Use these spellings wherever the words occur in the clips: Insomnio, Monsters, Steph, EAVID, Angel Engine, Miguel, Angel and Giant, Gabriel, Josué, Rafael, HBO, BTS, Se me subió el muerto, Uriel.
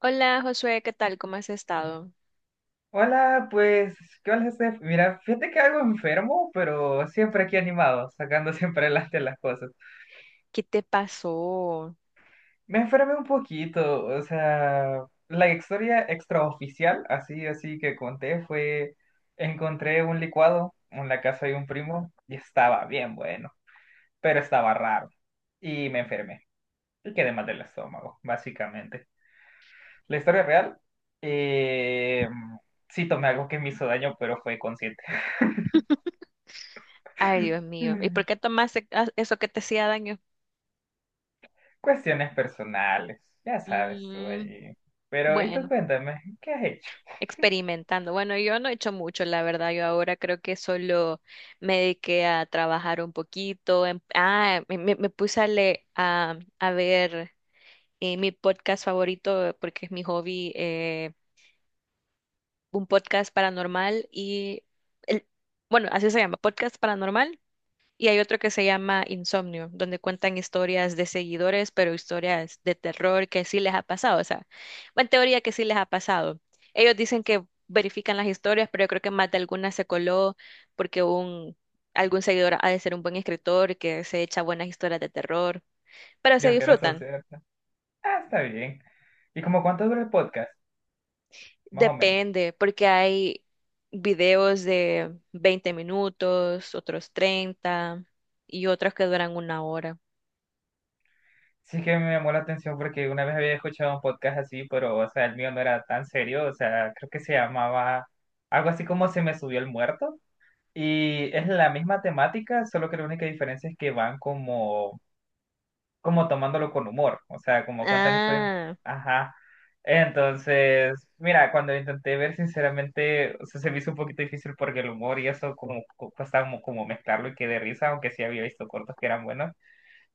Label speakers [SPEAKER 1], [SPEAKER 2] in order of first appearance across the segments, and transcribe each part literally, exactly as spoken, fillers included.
[SPEAKER 1] Hola Josué, ¿qué tal? ¿Cómo has estado?
[SPEAKER 2] Hola, pues, ¿qué onda, Steph? Mira, fíjate que algo enfermo, pero siempre aquí animado, sacando siempre adelante las cosas.
[SPEAKER 1] ¿Qué te pasó?
[SPEAKER 2] Me enfermé un poquito, o sea, la historia extraoficial, así, así que conté, fue, encontré un licuado en la casa de un primo y estaba bien bueno, pero estaba raro y me enfermé y quedé mal del estómago, básicamente. La historia real, eh, sí tomé algo que me hizo daño, pero fue consciente.
[SPEAKER 1] Ay, Dios mío. ¿Y por qué tomaste a- eso que te hacía daño?
[SPEAKER 2] Cuestiones personales, ya sabes tú
[SPEAKER 1] Mm,
[SPEAKER 2] ahí. Pero, ¿y tú
[SPEAKER 1] bueno,
[SPEAKER 2] cuéntame, qué has hecho?
[SPEAKER 1] experimentando. Bueno, yo no he hecho mucho, la verdad. Yo ahora creo que solo me dediqué a trabajar un poquito. em- Ah, me, me- me puse a, le- a, a ver eh, mi podcast favorito porque es mi hobby, eh, un podcast paranormal y... el- Bueno, así se llama, podcast paranormal. Y hay otro que se llama Insomnio, donde cuentan historias de seguidores, pero historias de terror que sí les ha pasado. O sea, en teoría que sí les ha pasado. Ellos dicen que verifican las historias, pero yo creo que más de alguna se coló porque un, algún seguidor ha de ser un buen escritor que se echa buenas historias de terror. Pero
[SPEAKER 2] Y
[SPEAKER 1] se
[SPEAKER 2] aunque no son
[SPEAKER 1] disfrutan.
[SPEAKER 2] ciertas. Ah, está bien. ¿Y como cuánto dura el podcast? Más o menos.
[SPEAKER 1] Depende, porque hay videos de veinte minutos, otros treinta y otros que duran una hora.
[SPEAKER 2] Sí que me llamó la atención porque una vez había escuchado un podcast así, pero, o sea, el mío no era tan serio. O sea, creo que se llamaba algo así como Se me subió el muerto. Y es la misma temática, solo que la única diferencia es que van como como tomándolo con humor, o sea, como cuentan historias,
[SPEAKER 1] Ah,
[SPEAKER 2] ajá. Entonces, mira, cuando lo intenté ver, sinceramente, o sea, se me hizo un poquito difícil porque el humor y eso como cu- cuesta como, como mezclarlo y que de risa, aunque sí había visto cortos que eran buenos,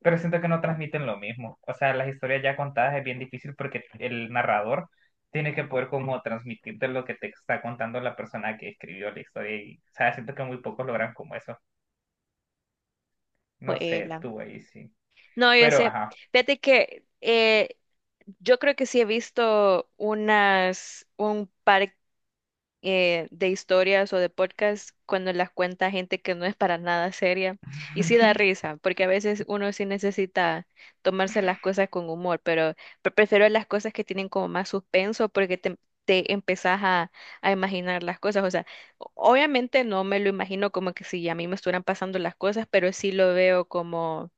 [SPEAKER 2] pero siento que no transmiten lo mismo. O sea, las historias ya contadas es bien difícil porque el narrador tiene que poder como transmitirte lo que te está contando la persona que escribió la historia y, o sea, siento que muy pocos logran como eso. No sé,
[SPEAKER 1] bueno.
[SPEAKER 2] tú ahí sí.
[SPEAKER 1] No, yo
[SPEAKER 2] Pero,
[SPEAKER 1] sé.
[SPEAKER 2] ajá.
[SPEAKER 1] Fíjate que eh, yo creo que sí he visto unas, un par eh, de historias o de podcasts cuando las cuenta gente que no es para nada seria. Y sí da risa, porque a veces uno sí necesita tomarse las cosas con humor, pero pre- prefiero las cosas que tienen como más suspenso porque te, te empezás a, a imaginar las cosas. O sea, o- obviamente no me lo imagino como que si a mí me estuvieran pasando las cosas, pero sí lo veo como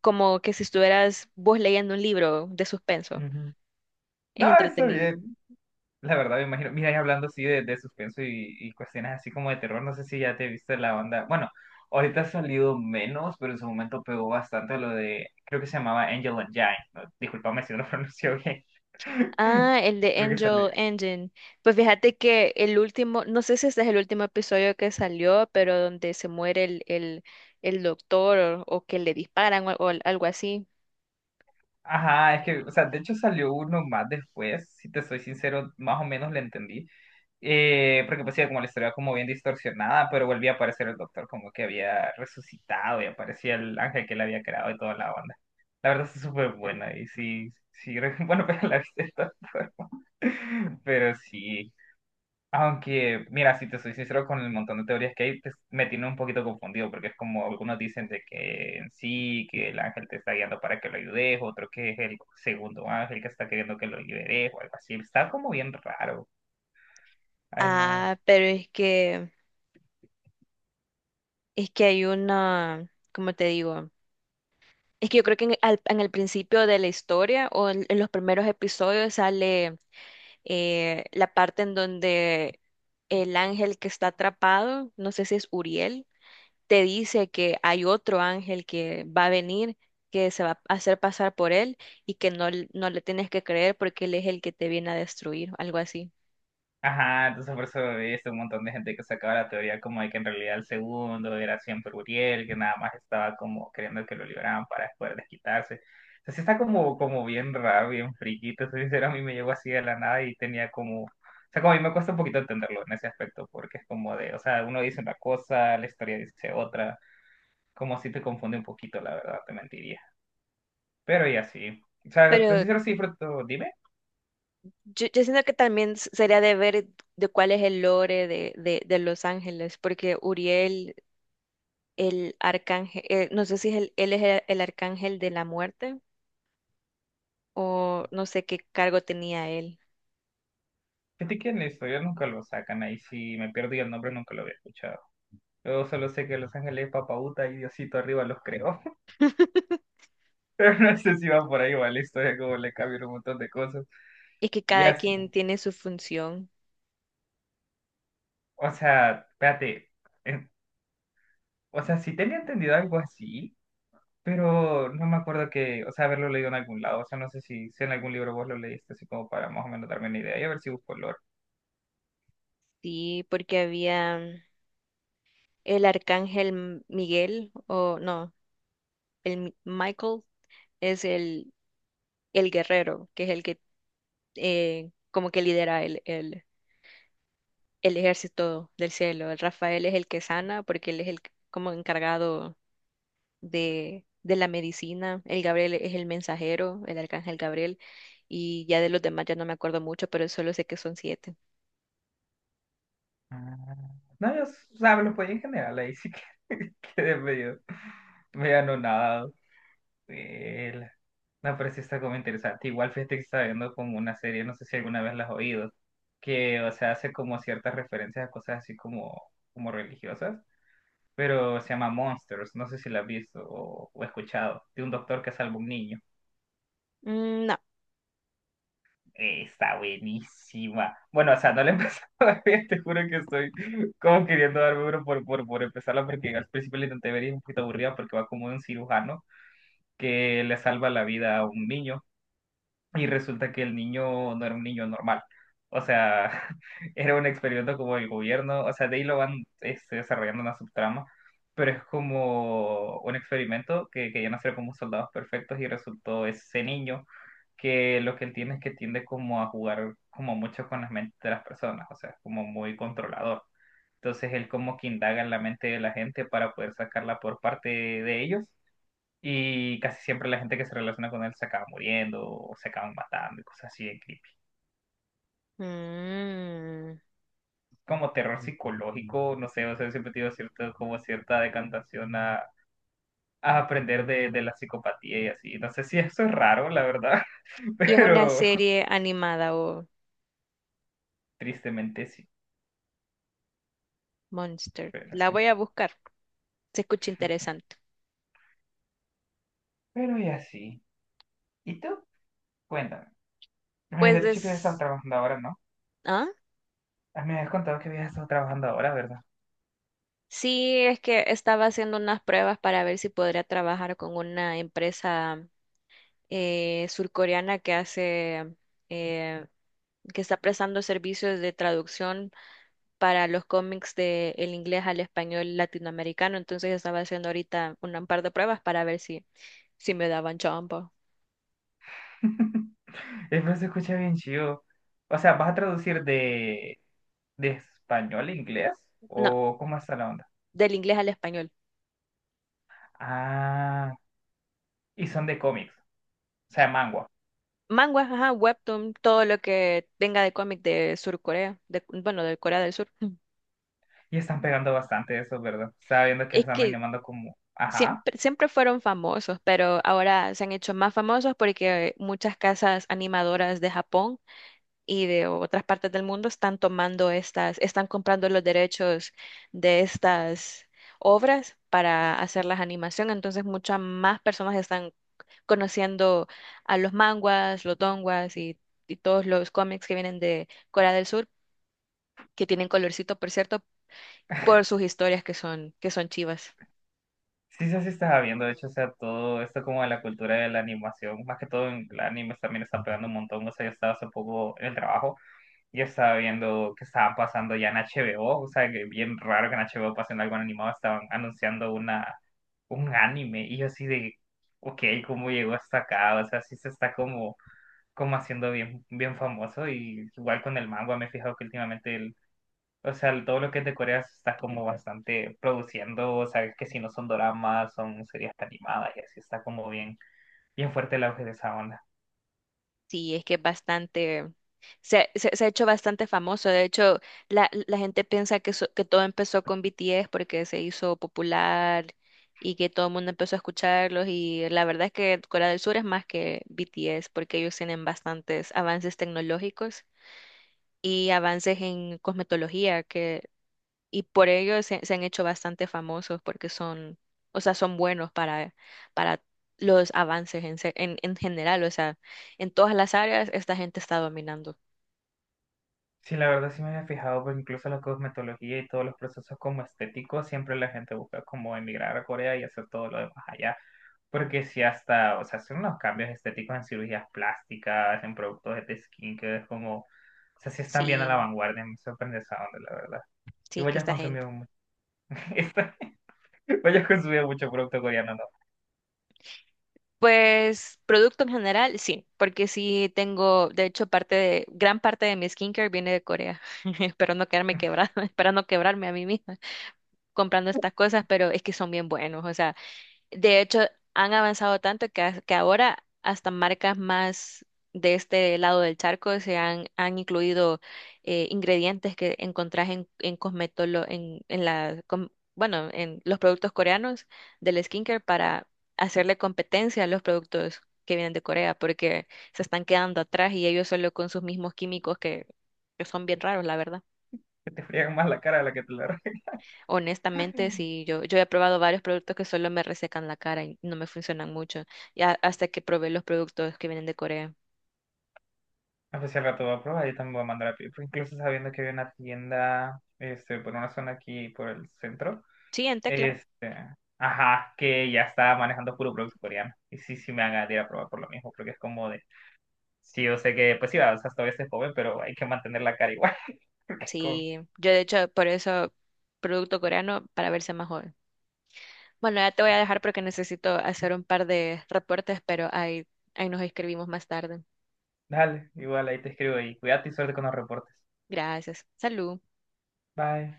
[SPEAKER 1] como que si estuvieras vos leyendo un libro de
[SPEAKER 2] Ujú.
[SPEAKER 1] suspenso. Es
[SPEAKER 2] No, está
[SPEAKER 1] entretenido.
[SPEAKER 2] bien. La verdad, me imagino. Mira, y hablando así de, de suspenso y, y cuestiones así como de terror, no sé si ya te viste la banda. Bueno, ahorita ha salido menos, pero en su momento pegó bastante lo de. Creo que se llamaba Angel and Giant. ¿No? Disculpame si no lo pronunció bien.
[SPEAKER 1] Ah, el de
[SPEAKER 2] Creo que salió.
[SPEAKER 1] Angel Engine. Pues fíjate que el último, no sé si este es el último episodio que salió, pero donde se muere el, el, el doctor o, o que le disparan o, al- o al- algo así.
[SPEAKER 2] Ajá, es que, o sea, de hecho salió uno más después, si te soy sincero, más o menos le entendí. Eh, porque pues sí, como la historia como bien distorsionada, pero volvía a aparecer el doctor como que había resucitado y aparecía el ángel que le había creado y toda la onda. La verdad es súper buena y sí, sí, bueno, pero la viste todo, pero sí. Aunque, mira, si te soy sincero con el montón de teorías que hay, pues, me tiene un poquito confundido, porque es como algunos dicen de que en sí, que el ángel te está guiando para que lo ayudes, otro que es el segundo ángel que está queriendo que lo liberes, o algo así. Está como bien raro. Ay, no.
[SPEAKER 1] Ah, pero es que, es que hay una, ¿cómo te digo? Es que yo creo que en, al- en el principio de la historia o en, en los primeros episodios sale eh, la parte en donde el ángel que está atrapado, no sé si es Uriel, te dice que hay otro ángel que va a venir, que se va a hacer pasar por él y que no, l- no le tienes que creer porque él es el que te viene a destruir, algo así.
[SPEAKER 2] Ajá, entonces por eso veías un montón de gente que sacaba la teoría como de que en realidad el segundo era siempre Uriel, que nada más estaba como queriendo que lo liberaran para poder desquitarse. O sea, sí está como, como bien raro, bien friki, te soy sincero, a mí me llegó así de la nada y tenía como... O sea, como a mí me cuesta un poquito entenderlo en ese aspecto, porque es como de, o sea, uno dice una cosa, la historia dice otra, como si te confunde un poquito, la verdad, te mentiría. Pero y así. O sea, te soy
[SPEAKER 1] Pero
[SPEAKER 2] sincero, sí, pero tú dime,
[SPEAKER 1] yo, yo siento que también s- sería de ver de cuál es el lore de, de, de Los Ángeles, porque Uriel, el arcángel, eh, no sé si es el- él es el el arcángel de la muerte o no sé qué cargo tenía él.
[SPEAKER 2] fíjate que en la historia nunca lo sacan, ahí sí me pierdo y el nombre nunca lo había escuchado. Yo solo sé que Los Ángeles es papauta y Diosito arriba los creó. Pero no sé si va por ahí va la historia, como le cambian un montón de cosas.
[SPEAKER 1] Es que
[SPEAKER 2] Y
[SPEAKER 1] cada
[SPEAKER 2] así.
[SPEAKER 1] quien tiene su función,
[SPEAKER 2] O sea, espérate. eh, o sea, sí tenía entendido algo así, pero no me acuerdo que, o sea, haberlo leído en algún lado. O sea, no sé si, si en algún libro vos lo leíste, así como para más o menos darme una idea y a ver si busco el lore.
[SPEAKER 1] sí, porque había el arcángel M- Miguel, o no, el Mi- Michael es el, el guerrero, que es el que eh, como que lidera el, el, el ejército del cielo. El Rafael es el que sana, porque él es el c- como encargado de, de la medicina. El Gabriel es el mensajero, el arcángel Gabriel, y ya de los demás ya no me acuerdo mucho, pero solo sé que son siete.
[SPEAKER 2] Ah, no, yo, s- o sea, lo podía en general, ahí sí que quedé medio, medio anonadado. Vela. No, pero sí está como interesante. Igual fíjate que estaba viendo como una serie, no sé si alguna vez la has oído, que, o sea, hace como ciertas referencias a cosas así como, como religiosas, pero se llama Monsters, no sé si la has visto o, o escuchado, de un doctor que salva un niño.
[SPEAKER 1] Mm, no.
[SPEAKER 2] Eh, Está buenísima. Bueno, o sea, no la he empezado a ver, te juro que estoy como queriendo darme uno por, por, por empezarla, porque al principio la intenté ver y es un poquito aburrida porque va como de un cirujano que le salva la vida a un niño y resulta que el niño no era un niño normal. O sea, era un experimento como el gobierno, o sea, de ahí lo van este, desarrollando una subtrama, pero es como un experimento que querían hacer como soldados perfectos y resultó ese niño que lo que él tiene es que tiende como a jugar como mucho con las mentes de las personas, o sea, es como muy controlador. Entonces él como que indaga en la mente de la gente para poder sacarla por parte de ellos y casi siempre la gente que se relaciona con él se acaba muriendo o se acaban matando y cosas así de creepy.
[SPEAKER 1] Mm.
[SPEAKER 2] Como terror psicológico, no sé, o sea, siempre he tenido cierto, como cierta decantación a, a aprender de, de la psicopatía y así. No sé si eso es raro, la verdad,
[SPEAKER 1] ¿Y es una
[SPEAKER 2] pero
[SPEAKER 1] serie animada o
[SPEAKER 2] tristemente sí,
[SPEAKER 1] Monster?
[SPEAKER 2] pero
[SPEAKER 1] La
[SPEAKER 2] sí.
[SPEAKER 1] voy a buscar. Se escucha interesante.
[SPEAKER 2] Pero y así. ¿Y tú? Cuéntame. Me
[SPEAKER 1] Pues
[SPEAKER 2] habías dicho que habías estado
[SPEAKER 1] es...
[SPEAKER 2] trabajando ahora, ¿no?
[SPEAKER 1] ¿Ah?
[SPEAKER 2] Ah, me habías contado que habías estado trabajando ahora, ¿verdad?
[SPEAKER 1] Sí, es que estaba haciendo unas pruebas para ver si podría trabajar con una empresa eh, surcoreana que hace... eh, que está prestando servicios de traducción para los cómics de el inglés al español latinoamericano. Entonces estaba haciendo ahorita un par de pruebas para ver si, si me daban chamba.
[SPEAKER 2] Eh, pero se escucha bien chido. O sea, ¿vas a traducir de, de español a inglés?
[SPEAKER 1] No,
[SPEAKER 2] ¿O cómo está la onda?
[SPEAKER 1] del inglés al español.
[SPEAKER 2] Ah, y son de cómics, o sea, manga.
[SPEAKER 1] Manguas, ajá, webtoon, todo lo que venga de cómic de Sur Corea, de, bueno, de Corea del Sur. Mm.
[SPEAKER 2] Y están pegando bastante eso, ¿verdad? Estaba viendo que
[SPEAKER 1] Es
[SPEAKER 2] están
[SPEAKER 1] que
[SPEAKER 2] animando como... Ajá.
[SPEAKER 1] siempre, siempre fueron famosos, pero ahora se han hecho más famosos porque muchas casas animadoras de Japón y de otras partes del mundo están tomando estas, están comprando los derechos de estas obras para hacer las animación. Entonces, muchas más personas están conociendo a los manguas, los donguas y, y todos los cómics que vienen de Corea del Sur que tienen colorcito, por cierto, por sus historias que son, que son chivas.
[SPEAKER 2] Sí, sí, sí, estaba viendo, de hecho, o sea, todo esto como de la cultura de la animación, más que todo en el anime también está pegando un montón, o sea, yo estaba hace poco en el trabajo. Yo estaba viendo que estaban pasando ya en H B O, o o sea, que bien raro que en H B O pasen algo animado, estaban anunciando una, un anime y yo así de, ok, ¿cómo llegó hasta acá? O sea, sí se está como, como haciendo bien, bien famoso y igual con el manga me he fijado que últimamente, el, o sea, el- todo lo que es de Corea se está como bastante produciendo, o sea, que si no son doramas, son series animadas y así está como bien, bien fuerte el auge de esa onda.
[SPEAKER 1] Sí, es que es bastante, se, se, se ha hecho bastante famoso. De hecho, la, la gente piensa que, so- que todo empezó con B T S porque se hizo popular y que todo el mundo empezó a escucharlos. Y la verdad es que Corea del Sur es más que B T S porque ellos tienen bastantes avances tecnológicos y avances en cosmetología, que y por ello se, se han hecho bastante famosos porque son, o sea, son buenos para, para los avances en, se- en, en general, o sea, en todas las áreas esta gente está dominando.
[SPEAKER 2] Sí, la verdad sí me había fijado, porque incluso la cosmetología y todos los procesos como estéticos, siempre la gente busca como emigrar a Corea y hacer todo lo demás allá. Porque si hasta, o sea, hacen unos cambios estéticos en cirugías plásticas, en productos de skin, que es como, o sea, sí están bien a la
[SPEAKER 1] Sí,
[SPEAKER 2] vanguardia, me sorprende esa onda, la verdad. Y
[SPEAKER 1] sí,
[SPEAKER 2] vos
[SPEAKER 1] que
[SPEAKER 2] ya has
[SPEAKER 1] esta gente.
[SPEAKER 2] consumido mucho, vos ya has consumido mucho producto coreano, ¿no?
[SPEAKER 1] Pues producto en general, sí, porque sí tengo, de hecho, parte de, gran parte de mi skincare viene de Corea. Espero no quedarme quebrada, espero no quebrarme a mí misma comprando estas cosas, pero es que son bien buenos, o sea. De hecho, han avanzado tanto que, a- que ahora hasta marcas más de este lado del charco se han, han incluido eh, ingredientes que encontrás en, en cosmetolo- en, en la, com- bueno, en los productos coreanos del skincare para hacerle competencia a los productos que vienen de Corea, porque se están quedando atrás y ellos solo con sus mismos químicos que, que son bien raros, la verdad.
[SPEAKER 2] Que te friegan más la cara de la que te la
[SPEAKER 1] Honestamente,
[SPEAKER 2] arreglan.
[SPEAKER 1] sí, yo, yo he probado varios productos que solo me resecan la cara y no me funcionan mucho, ya hasta que probé los productos que vienen de Corea.
[SPEAKER 2] Ah, pues si al rato voy a probar, yo también voy a mandar a pedir, porque incluso sabiendo que había una tienda, este, por una zona aquí, por el centro,
[SPEAKER 1] Sí, en tecla.
[SPEAKER 2] este, ajá, que ya está manejando puro producto coreano. Y sí, sí me hagan ir a probar por lo mismo, porque es como de, sí, yo sé que, pues sí, va, o sea, todavía se joven, pero hay que mantener la cara igual, porque es como,
[SPEAKER 1] Sí, yo de hecho por eso producto coreano para verse más joven. Bueno, ya te voy a dejar porque necesito hacer un par de reportes, pero ahí, ahí nos escribimos más tarde.
[SPEAKER 2] dale, igual ahí te escribo y cuídate y suerte con los reportes.
[SPEAKER 1] Gracias. Salud.
[SPEAKER 2] Bye.